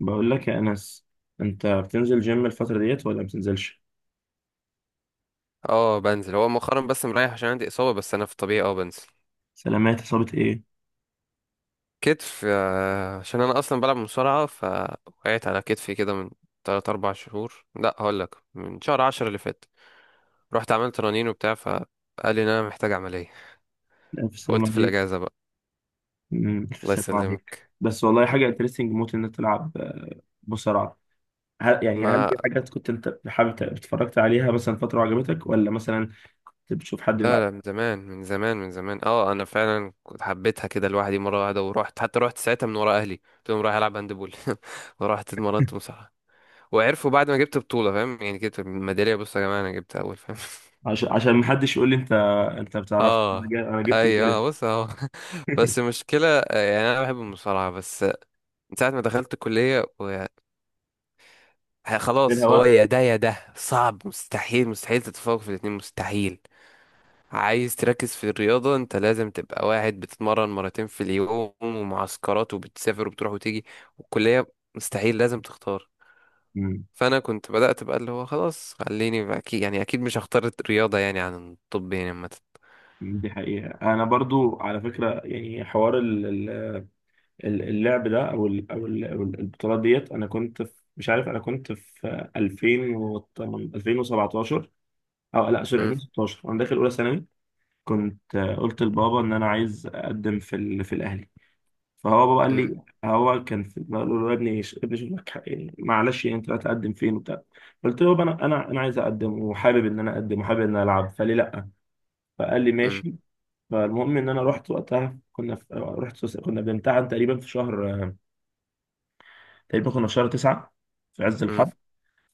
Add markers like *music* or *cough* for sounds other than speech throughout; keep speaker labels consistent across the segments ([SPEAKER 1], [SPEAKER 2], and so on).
[SPEAKER 1] بقول لك يا أنس، أنت بتنزل جيم الفترة ديت ولا بتنزلش؟
[SPEAKER 2] اه بنزل، هو مؤخرا بس مريح عشان عندي اصابه. بس انا في الطبيعي بنزل.
[SPEAKER 1] سلامات، إصابة إيه؟
[SPEAKER 2] كتف، عشان انا اصلا بلعب مصارعه فوقعت على كتفي كده من 3 4 شهور. لا، هقول لك من شهر 10 اللي فات. رحت عملت رنين وبتاع، فقال لي ان انا محتاج عمليه.
[SPEAKER 1] ألف سلامة
[SPEAKER 2] فقلت في
[SPEAKER 1] عليك.
[SPEAKER 2] الاجازه بقى.
[SPEAKER 1] ألف
[SPEAKER 2] الله
[SPEAKER 1] سلامة عليك،
[SPEAKER 2] يسلمك.
[SPEAKER 1] بس والله حاجة انترستنج موت إنك تلعب مصارعة. هل يعني هل
[SPEAKER 2] ما
[SPEAKER 1] دي حاجات كنت أنت حابب اتفرجت عليها مثلا فترة وعجبتك، ولا مثلا أنت بتشوف حد
[SPEAKER 2] لا
[SPEAKER 1] يلعب؟
[SPEAKER 2] لا، من زمان من زمان من زمان. اه، انا فعلا كنت حبيتها كده لوحدي مره واحده ورحت، حتى رحت ساعتها من ورا اهلي قلت لهم رايح العب هاندبول. *laughs* ورحت اتمرنت مصارعه، وعرفوا بعد ما جبت بطولة، فاهم؟ يعني جبت ميدالية. بص يا جماعة، أنا جبت أول، فاهم؟
[SPEAKER 1] عشان محدش يقول لي أنت، أنت بتعرفش أنا
[SPEAKER 2] اه،
[SPEAKER 1] أنا جبت في
[SPEAKER 2] ايوه،
[SPEAKER 1] بالي.
[SPEAKER 2] آه، بص اهو. *laughs* بس
[SPEAKER 1] *laughs*
[SPEAKER 2] المشكلة، يعني أنا بحب المصارعة بس. من ساعة ما دخلت الكلية
[SPEAKER 1] منها
[SPEAKER 2] خلاص، هو
[SPEAKER 1] وقت.
[SPEAKER 2] يا ده يا ده. صعب، مستحيل مستحيل تتفوق في الاتنين، مستحيل. عايز تركز في الرياضة انت لازم تبقى واحد بتتمرن مرتين في اليوم، ومعسكرات، وبتسافر وبتروح وتيجي والكلية. مستحيل، لازم تختار.
[SPEAKER 1] أمم،
[SPEAKER 2] فانا كنت بدات بقى اللي هو خلاص خليني، اكيد يعني اكيد مش هختار الرياضه يعني عن الطب، يعني عامه.
[SPEAKER 1] *laughs* دي حقيقة. أنا برضو على فكرة يعني حوار اللعب ده او ال- او ال- أو ال- البطولات ديت، انا كنت في مش عارف، انا كنت في 2000 و 2017، او لا سوري،
[SPEAKER 2] مم.
[SPEAKER 1] 2016، وانا داخل اولى ثانوي. كنت قلت لبابا ان انا عايز اقدم في الاهلي. فهو بابا قال
[SPEAKER 2] مم.
[SPEAKER 1] لي، هو كان في بقول له يا ابني ابني شوف لك حق، يعني معلش يعني انت هتقدم فين وبتاع. قلت له يابا انا عايز اقدم وحابب ان انا اقدم وحابب ان انا العب، فليه لا؟ فقال لي
[SPEAKER 2] مم.
[SPEAKER 1] ماشي. فالمهم ان انا رحت رحت كنا بنمتحن تقريبا في شهر، تقريبا كنا في شهر تسعة، في عز
[SPEAKER 2] مم.
[SPEAKER 1] الحر.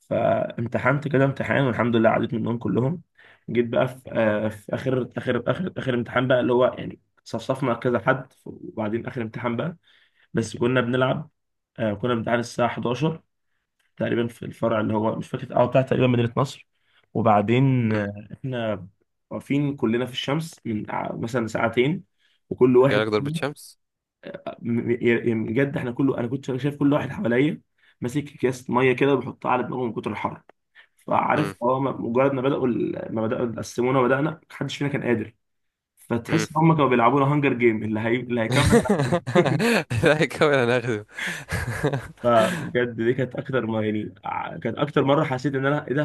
[SPEAKER 1] فامتحنت كده امتحان، والحمد لله عديت منهم كلهم. جيت بقى في، في آخر امتحان بقى، اللي هو يعني صفصفنا كذا حد، وبعدين آخر امتحان بقى. بس كنا بنلعب. آه كنا بنتعاد الساعة 11 تقريبا في الفرع اللي هو مش فاكر اه بتاع، تقريبا مدينة نصر. وبعدين
[SPEAKER 2] مم.
[SPEAKER 1] احنا واقفين كلنا في الشمس من مثلا ساعتين، وكل واحد
[SPEAKER 2] جالك ضربة شمس.
[SPEAKER 1] م- يعني بجد احنا كله، انا كنت شايف كل واحد حواليا ماسك اكياس ميه كده وبيحطها على دماغه من كتر الحر. فعارف
[SPEAKER 2] مم.
[SPEAKER 1] اه مجرد ما بداوا قسمونا وبدانا، محدش فينا كان قادر.
[SPEAKER 2] مم.
[SPEAKER 1] فتحس ان هم كانوا بيلعبونا هانجر جيم، اللي هيكمل.
[SPEAKER 2] *laughs* لا، يكمل انا هاخده. *laughs*
[SPEAKER 1] فبجد دي كانت اكتر ما يعني، كانت اكتر مره حسيت ان انا ايه ده،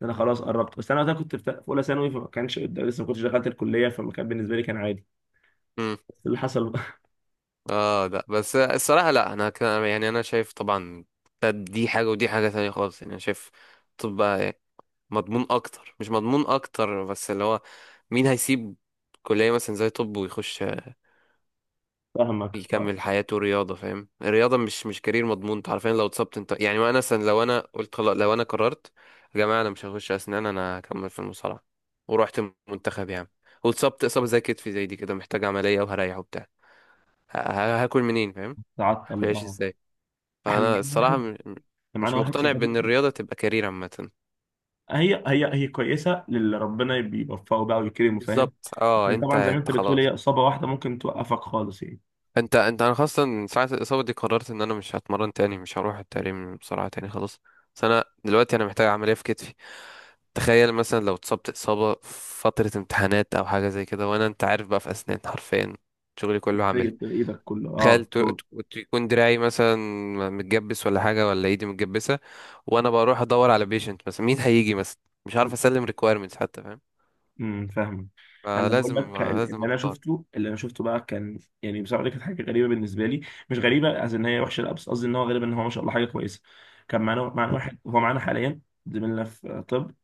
[SPEAKER 1] ده انا خلاص قربت. بس انا وقتها كنت في اولى ثانوي، فما كانش لسه ما كنتش دخلت الكليه، فما كان بالنسبه لي، كان عادي.
[SPEAKER 2] مم.
[SPEAKER 1] بس اللي حصل *laughs*
[SPEAKER 2] اه لا، بس الصراحه لا، انا كان يعني انا شايف طبعا دي حاجه ودي حاجه تانية خالص. يعني انا شايف الطب بقى مضمون اكتر، مش مضمون اكتر بس اللي هو مين هيسيب كليه مثلا زي طب ويخش
[SPEAKER 1] فاهمك اه.
[SPEAKER 2] يكمل حياته رياضة؟ فاهم؟ الرياضة مش كارير مضمون. انت عارفين لو اتصبت انت يعني، وانا مثلا لو انا قلت خلاص، لو انا قررت يا جماعة انا مش هخش اسنان، انا هكمل في المصارعة ورحت المنتخب يعني، واتصبت اصابة زي كتفي زي دي كده، محتاج عملية وهريح وبتاع، هاكل منين؟ فاهم؟ هاكل
[SPEAKER 1] تعطل
[SPEAKER 2] عيش
[SPEAKER 1] اه.
[SPEAKER 2] ازاي؟
[SPEAKER 1] احنا
[SPEAKER 2] فانا
[SPEAKER 1] معانا واحد
[SPEAKER 2] الصراحة
[SPEAKER 1] احنا
[SPEAKER 2] مش
[SPEAKER 1] معانا واحد
[SPEAKER 2] مقتنع بان
[SPEAKER 1] صاحبنا.
[SPEAKER 2] الرياضة تبقى كارير عامة.
[SPEAKER 1] هي كويسه للي ربنا بيوفقه بقى ويكرمه، فاهم.
[SPEAKER 2] بالظبط. اه،
[SPEAKER 1] لكن
[SPEAKER 2] انت
[SPEAKER 1] طبعا زي ما انت
[SPEAKER 2] انت
[SPEAKER 1] بتقول،
[SPEAKER 2] خلاص.
[SPEAKER 1] هي اصابه واحده ممكن توقفك خالص يعني.
[SPEAKER 2] انت انا خاصة من ساعة الإصابة دي قررت ان انا مش هتمرن تاني، مش هروح التمرين بسرعة تاني، خلاص. بس انا دلوقتي انا محتاج عملية في كتفي. تخيل مثلا لو اتصبت إصابة في فترة امتحانات او حاجة زي كده، وانا انت عارف بقى في اسنان حرفيا شغلي كله
[SPEAKER 1] تيجي
[SPEAKER 2] عملي.
[SPEAKER 1] في ايدك كله اه
[SPEAKER 2] تخيل
[SPEAKER 1] بطول.
[SPEAKER 2] يكون دراعي مثلا متجبس ولا حاجة، ولا ايدي متجبسة، وانا بروح ادور على بيشنت مثلا، مين هيجي مثلا، مش عارف اسلم ريكويرمنتس حتى، فاهم؟
[SPEAKER 1] فاهم. انا بقول
[SPEAKER 2] فلازم،
[SPEAKER 1] لك
[SPEAKER 2] لازم
[SPEAKER 1] اللي انا
[SPEAKER 2] اختار.
[SPEAKER 1] شفته، بقى كان يعني بصراحه، دي كانت حاجه غريبه بالنسبه لي. مش غريبه قصدي ان هي وحشه لا، بس قصدي ان هو غريب ان هو، ما شاء الله، حاجه كويسه. كان معانا واحد، هو معانا حاليا، زميلنا في طب.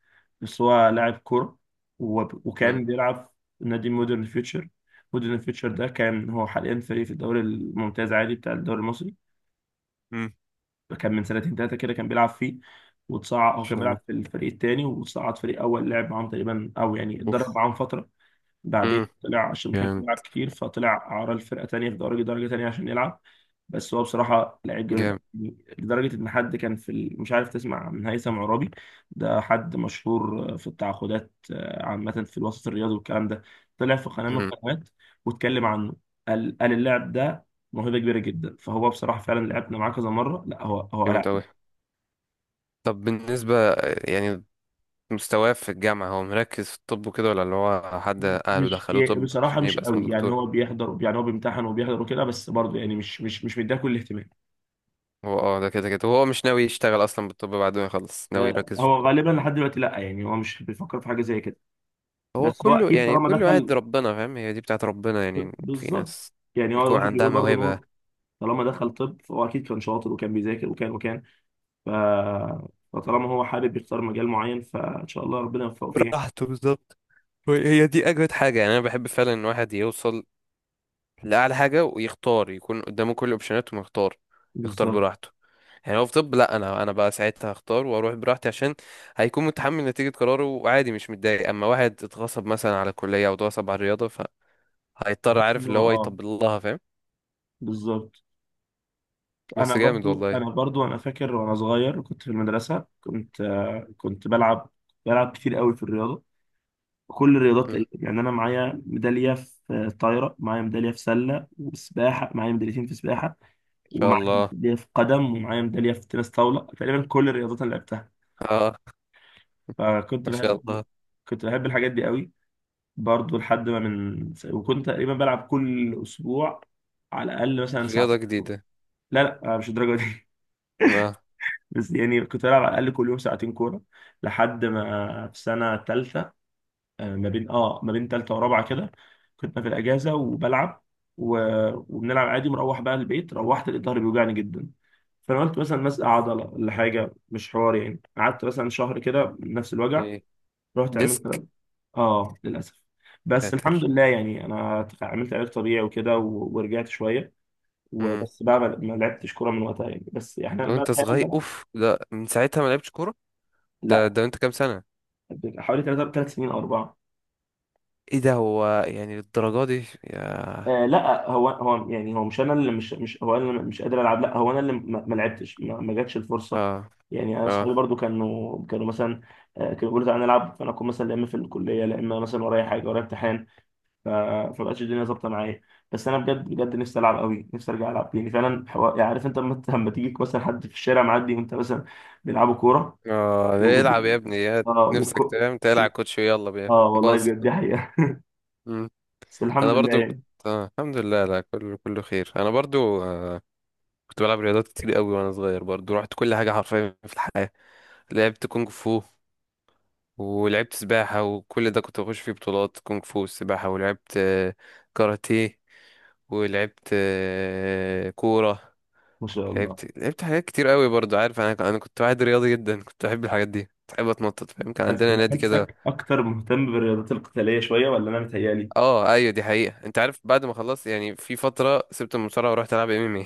[SPEAKER 1] بس هو لاعب كوره،
[SPEAKER 2] امم،
[SPEAKER 1] وكان بيلعب في نادي مودرن فيوتشر. مودرن فيوتشر ده كان، هو حاليا فريق في الدوري الممتاز عادي، بتاع الدوري المصري. كان من سنتين ثلاثه كده كان بيلعب فيه. وتصعد،
[SPEAKER 2] ان
[SPEAKER 1] هو كان
[SPEAKER 2] شاء الله.
[SPEAKER 1] بيلعب في الفريق الثاني، وتصعد فريق اول، لعب معاهم تقريبا او يعني اتدرب
[SPEAKER 2] اوف.
[SPEAKER 1] معاهم فتره. بعدين
[SPEAKER 2] امم.
[SPEAKER 1] طلع عشان ما كانش
[SPEAKER 2] جامد.
[SPEAKER 1] بيلعب كتير، فطلع عرى الفرقة تانية في درجة تانية عشان يلعب. بس هو بصراحة لعيب جامد أوي. لدرجة إن حد كان مش عارف تسمع من هيثم عرابي؟ ده حد مشهور في التعاقدات عامة في الوسط الرياضي والكلام ده. طلع في قناة من
[SPEAKER 2] جامد.
[SPEAKER 1] القنوات واتكلم عنه. قال اللاعب ده موهبة كبيرة جدا. فهو بصراحة فعلا لعبنا معاه كذا مرة، لا هو هو لا.
[SPEAKER 2] جامد أوي. طب بالنسبة يعني مستواه في الجامعة، هو مركز في الطب وكده ولا اللي هو حد أهله
[SPEAKER 1] مش،
[SPEAKER 2] دخلوه طب
[SPEAKER 1] بصراحة
[SPEAKER 2] عشان
[SPEAKER 1] مش
[SPEAKER 2] يبقى اسمه
[SPEAKER 1] قوي يعني.
[SPEAKER 2] دكتور؟
[SPEAKER 1] هو بيحضر يعني، هو بيمتحن وبيحضر وكده، بس برضه يعني مش مديها كل الاهتمام.
[SPEAKER 2] هو ده كده كده هو مش ناوي يشتغل أصلا بالطب بعد ما يخلص، ناوي يركز في
[SPEAKER 1] هو
[SPEAKER 2] الكورة.
[SPEAKER 1] غالبا لحد دلوقتي لا، يعني هو مش بيفكر في حاجه زي كده.
[SPEAKER 2] هو
[SPEAKER 1] بس هو
[SPEAKER 2] كله
[SPEAKER 1] اكيد
[SPEAKER 2] يعني
[SPEAKER 1] طالما
[SPEAKER 2] كله قاعد
[SPEAKER 1] دخل.
[SPEAKER 2] ربنا، فاهم؟ هي دي بتاعت ربنا يعني، في
[SPEAKER 1] بالظبط.
[SPEAKER 2] ناس
[SPEAKER 1] يعني هو
[SPEAKER 2] بيكون
[SPEAKER 1] الواحد
[SPEAKER 2] عندها
[SPEAKER 1] بيقول برضه ان
[SPEAKER 2] موهبة.
[SPEAKER 1] هو، طالما دخل طب فهو اكيد كان شاطر، وكان بيذاكر وكان وكان. ف... فطالما هو حابب يختار مجال معين، فان شاء الله ربنا يوفقه فيه يعني.
[SPEAKER 2] براحته، بالظبط. هي دي أجمد حاجة، يعني أنا بحب فعلا إن واحد يوصل لأعلى حاجة ويختار، يكون قدامه كل الأوبشنات وما يختار، يختار
[SPEAKER 1] بالظبط.
[SPEAKER 2] براحته. يعني هو في طب، لا انا انا بقى ساعتها هختار واروح براحتي، عشان هيكون متحمل نتيجة قراره وعادي مش متضايق. اما واحد اتغصب مثلا على الكلية او اتغصب على الرياضة فهيضطر،
[SPEAKER 1] بحس
[SPEAKER 2] عارف
[SPEAKER 1] ان
[SPEAKER 2] اللي
[SPEAKER 1] هو
[SPEAKER 2] هو،
[SPEAKER 1] اه،
[SPEAKER 2] يطبل لها، فاهم؟
[SPEAKER 1] بالظبط. انا
[SPEAKER 2] بس جامد
[SPEAKER 1] برضو،
[SPEAKER 2] والله.
[SPEAKER 1] انا فاكر وانا صغير كنت في المدرسه، كنت كنت بلعب، بلعب كتير قوي في الرياضه. كل الرياضات
[SPEAKER 2] مم.
[SPEAKER 1] تقريبا يعني، انا معايا ميداليه في طايره، معايا ميداليه في سله وسباحه، معايا ميداليتين في سباحه،
[SPEAKER 2] ان شاء
[SPEAKER 1] ومعايا
[SPEAKER 2] الله.
[SPEAKER 1] ميداليه في قدم، ومعايا ميداليه في تنس طاوله، تقريبا كل الرياضات اللي لعبتها.
[SPEAKER 2] اه.
[SPEAKER 1] فكنت
[SPEAKER 2] ما شاء
[SPEAKER 1] بحب،
[SPEAKER 2] الله.
[SPEAKER 1] كنت بحب الحاجات دي قوي. برضو لحد ما من، وكنت تقريبا بلعب كل اسبوع على الاقل مثلا
[SPEAKER 2] رياضة
[SPEAKER 1] ساعتين.
[SPEAKER 2] جديدة.
[SPEAKER 1] لا لا مش الدرجه دي.
[SPEAKER 2] اه.
[SPEAKER 1] *laughs* بس يعني كنت بلعب على الاقل كل يوم ساعتين كوره. لحد ما في سنه ثالثه، ما بين اه ما بين تالتة ورابعة كده، كنت في الأجازة وبلعب و... وبنلعب عادي، مروح بقى البيت، روحت لقيت ظهري بيوجعني جدا. فأنا قلت مثلا مزق
[SPEAKER 2] اوف.
[SPEAKER 1] عضلة ولا حاجة، مش حوار يعني. قعدت مثلا شهر كده نفس الوجع.
[SPEAKER 2] ايه.
[SPEAKER 1] رحت
[SPEAKER 2] ديسك.
[SPEAKER 1] عملت، اه للأسف. بس
[SPEAKER 2] ساتر.
[SPEAKER 1] الحمد لله يعني، أنا عملت علاج طبيعي وكده ورجعت شوية.
[SPEAKER 2] مم.
[SPEAKER 1] وبس بقى، ما لعبتش كورة من وقتها يعني، بس احنا
[SPEAKER 2] لو
[SPEAKER 1] بقى
[SPEAKER 2] انت
[SPEAKER 1] احيانا
[SPEAKER 2] صغير.
[SPEAKER 1] بلعب.
[SPEAKER 2] اوف، ده من ساعتها ما لعبتش كورة؟ ده
[SPEAKER 1] لا،
[SPEAKER 2] ده انت كام سنة؟
[SPEAKER 1] حوالي ثلاث سنين او اربعه.
[SPEAKER 2] ايه ده، هو يعني للدرجة دي يا...؟
[SPEAKER 1] آه لا هو هو يعني، هو مش انا اللي مش، مش هو انا اللي مش قادر العب، لا هو انا اللي ما لعبتش، ما جاتش الفرصه.
[SPEAKER 2] اه.
[SPEAKER 1] يعني انا اصحابي
[SPEAKER 2] اه.
[SPEAKER 1] برضو كانوا مثلا كانوا بيقولوا تعالى نلعب، فانا اكون مثلا لا اما في الكليه، لا اما مثلا ورايا حاجه، ورايا امتحان. ف- فمبقتش الدنيا ظابطه معايا. بس انا بجد بجد نفسي العب قوي، نفسي ارجع العب، يعني فعلا يعني عارف انت لما تيجيك مثلا حد في الشارع معدي، وانت مثلا بيلعبوا كوره
[SPEAKER 2] اه.
[SPEAKER 1] و... و-
[SPEAKER 2] العب يا ابني، يا
[SPEAKER 1] اه
[SPEAKER 2] نفسك تنام تلعب، كوتش يلا بيا
[SPEAKER 1] اه والله
[SPEAKER 2] باص.
[SPEAKER 1] بجد دي حقيقه.
[SPEAKER 2] مم.
[SPEAKER 1] *laughs* بس
[SPEAKER 2] انا
[SPEAKER 1] الحمد لله
[SPEAKER 2] برضو كنت
[SPEAKER 1] يعني.
[SPEAKER 2] آه. الحمد لله، لا كله كله خير. انا برضو. كنت بلعب رياضات كتير قوي وانا صغير برضو، رحت كل حاجه حرفيا في الحياه. لعبت كونغ فو، ولعبت سباحه، وكل ده كنت بخش فيه بطولات كونغ فو والسباحه. ولعبت كاراتيه، ولعبت كوره.
[SPEAKER 1] ما شاء الله.
[SPEAKER 2] لعبت لعبت حاجات كتير قوي برضو. عارف، انا انا كنت واحد رياضي جدا، كنت بحب الحاجات دي، كنت بحب اتنطط، فاهم؟ كان
[SPEAKER 1] بس
[SPEAKER 2] عندنا نادي كده.
[SPEAKER 1] بحسك اكتر مهتم بالرياضات القتاليه شويه، ولا انا متهيالي؟
[SPEAKER 2] اه، ايوه، دي حقيقة. انت عارف بعد ما خلصت يعني، في فترة سبت المصارعة ورحت العب ام ام.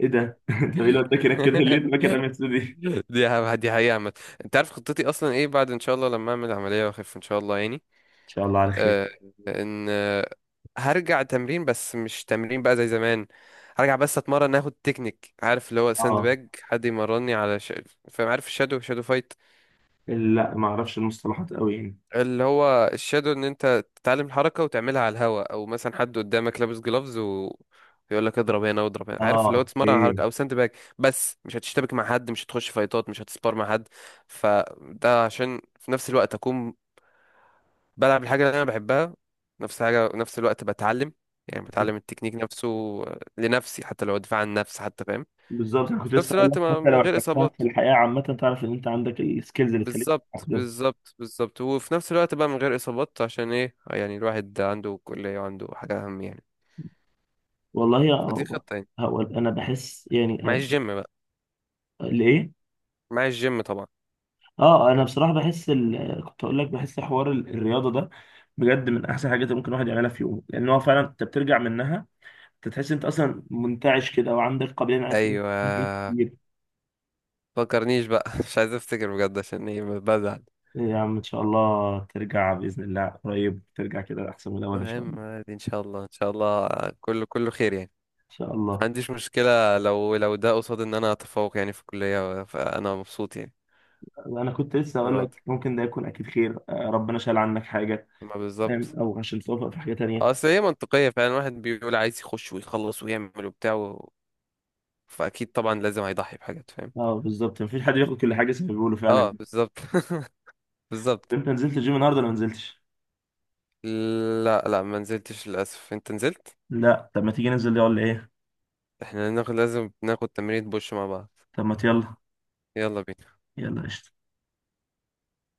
[SPEAKER 1] ايه ده *laughs* طب ايه
[SPEAKER 2] ايه؟
[SPEAKER 1] اللي وداك هناك كده؟ ليه وداك رمية دي؟
[SPEAKER 2] *laughs*
[SPEAKER 1] ان
[SPEAKER 2] دي حقيقة عامة. انت عارف خطتي اصلا ايه بعد ان شاء الله لما اعمل عملية واخف ان شاء الله يعني.
[SPEAKER 1] شاء الله على خير.
[SPEAKER 2] آه. ان آه، هرجع تمرين، بس مش تمرين بقى زي زمان. هرجع بس اتمرن، اخد تكنيك، عارف اللي هو ساند
[SPEAKER 1] اه
[SPEAKER 2] باج، حد يمرني على فاهم؟ عارف الشادو، شادو فايت؟
[SPEAKER 1] لا ما اعرفش المصطلحات قوي يعني.
[SPEAKER 2] اللي هو الشادو ان انت تتعلم الحركه وتعملها على الهوا، او مثلا حد قدامك لابس جلافز و يقول لك اضرب هنا واضرب هنا، عارف
[SPEAKER 1] اه
[SPEAKER 2] اللي هو تتمرن على
[SPEAKER 1] اوكي.
[SPEAKER 2] حركه، او ساند باك، بس مش هتشتبك مع حد، مش هتخش فايتات، مش هتسبار مع حد. فده عشان في نفس الوقت اكون بلعب الحاجه اللي انا بحبها، نفس حاجه نفس الوقت بتعلم، يعني بتعلم التكنيك نفسه لنفسي، حتى لو دفاع عن النفس حتى، فاهم؟
[SPEAKER 1] بالظبط، انا
[SPEAKER 2] في
[SPEAKER 1] كنت لسه
[SPEAKER 2] نفس
[SPEAKER 1] اقول لك
[SPEAKER 2] الوقت ما،
[SPEAKER 1] حتى
[SPEAKER 2] من
[SPEAKER 1] لو
[SPEAKER 2] غير
[SPEAKER 1] احتجتها في
[SPEAKER 2] اصابات.
[SPEAKER 1] الحياه عامه، تعرف ان انت عندك السكيلز اللي تخليك
[SPEAKER 2] بالظبط
[SPEAKER 1] تستخدمها.
[SPEAKER 2] بالظبط بالظبط. وفي نفس الوقت بقى من غير اصابات، عشان ايه يعني؟ الواحد عنده كلية وعنده حاجة اهم يعني.
[SPEAKER 1] والله يا
[SPEAKER 2] فدي
[SPEAKER 1] هو،
[SPEAKER 2] خطة يعني.
[SPEAKER 1] هو انا بحس يعني
[SPEAKER 2] مع
[SPEAKER 1] انا،
[SPEAKER 2] الجيم بقى.
[SPEAKER 1] ليه؟
[SPEAKER 2] مع الجيم طبعا.
[SPEAKER 1] اه انا بصراحه بحس كنت اقول لك بحس حوار الرياضه ده بجد من احسن حاجات اللي ممكن الواحد يعملها في يومه. لان هو فعلا انت بترجع منها، انت تحس انت اصلا منتعش كده، وعندك قابليه انك تعمل حاجات
[SPEAKER 2] ايوه.
[SPEAKER 1] كتير.
[SPEAKER 2] فكرنيش بقى. *laughs* مش عايز افتكر بجد، عشان ايه، بزعل.
[SPEAKER 1] إيه يا عم، ان شاء الله ترجع باذن الله قريب، ترجع كده احسن من الاول ان شاء
[SPEAKER 2] المهم
[SPEAKER 1] الله.
[SPEAKER 2] عادي، ان شاء الله، ان شاء الله. كله كله خير يعني.
[SPEAKER 1] ان شاء
[SPEAKER 2] ما
[SPEAKER 1] الله.
[SPEAKER 2] عنديش مشكلة لو ده قصاد ان انا اتفوق يعني في الكلية، فانا مبسوط يعني،
[SPEAKER 1] انا كنت لسه اقول
[SPEAKER 2] راضي.
[SPEAKER 1] لك، ممكن ده يكون اكيد خير، ربنا شال عنك حاجه،
[SPEAKER 2] ما بالظبط.
[SPEAKER 1] او عشان توفق في حاجه تانية.
[SPEAKER 2] اه، اصل هي منطقية فعلا. الواحد بيقول عايز يخش ويخلص ويعمل وبتاع، فاكيد طبعا لازم هيضحي بحاجات، فاهم؟
[SPEAKER 1] اه بالظبط، مفيش حد بياخد كل حاجه زي ما بيقولوا فعلا.
[SPEAKER 2] اه، بالظبط. *laughs* بالظبط.
[SPEAKER 1] انت نزلت الجيم النهارده ولا ما نزلتش؟
[SPEAKER 2] لا لا، ما نزلتش للاسف. انت نزلت؟
[SPEAKER 1] لا طب ما تيجي ننزل، يلا ايه.
[SPEAKER 2] احنا ناخد، لازم ناخد تمرين بوش مع بعض.
[SPEAKER 1] طب ما يلا،
[SPEAKER 2] يلا بينا.
[SPEAKER 1] يلا قشطه.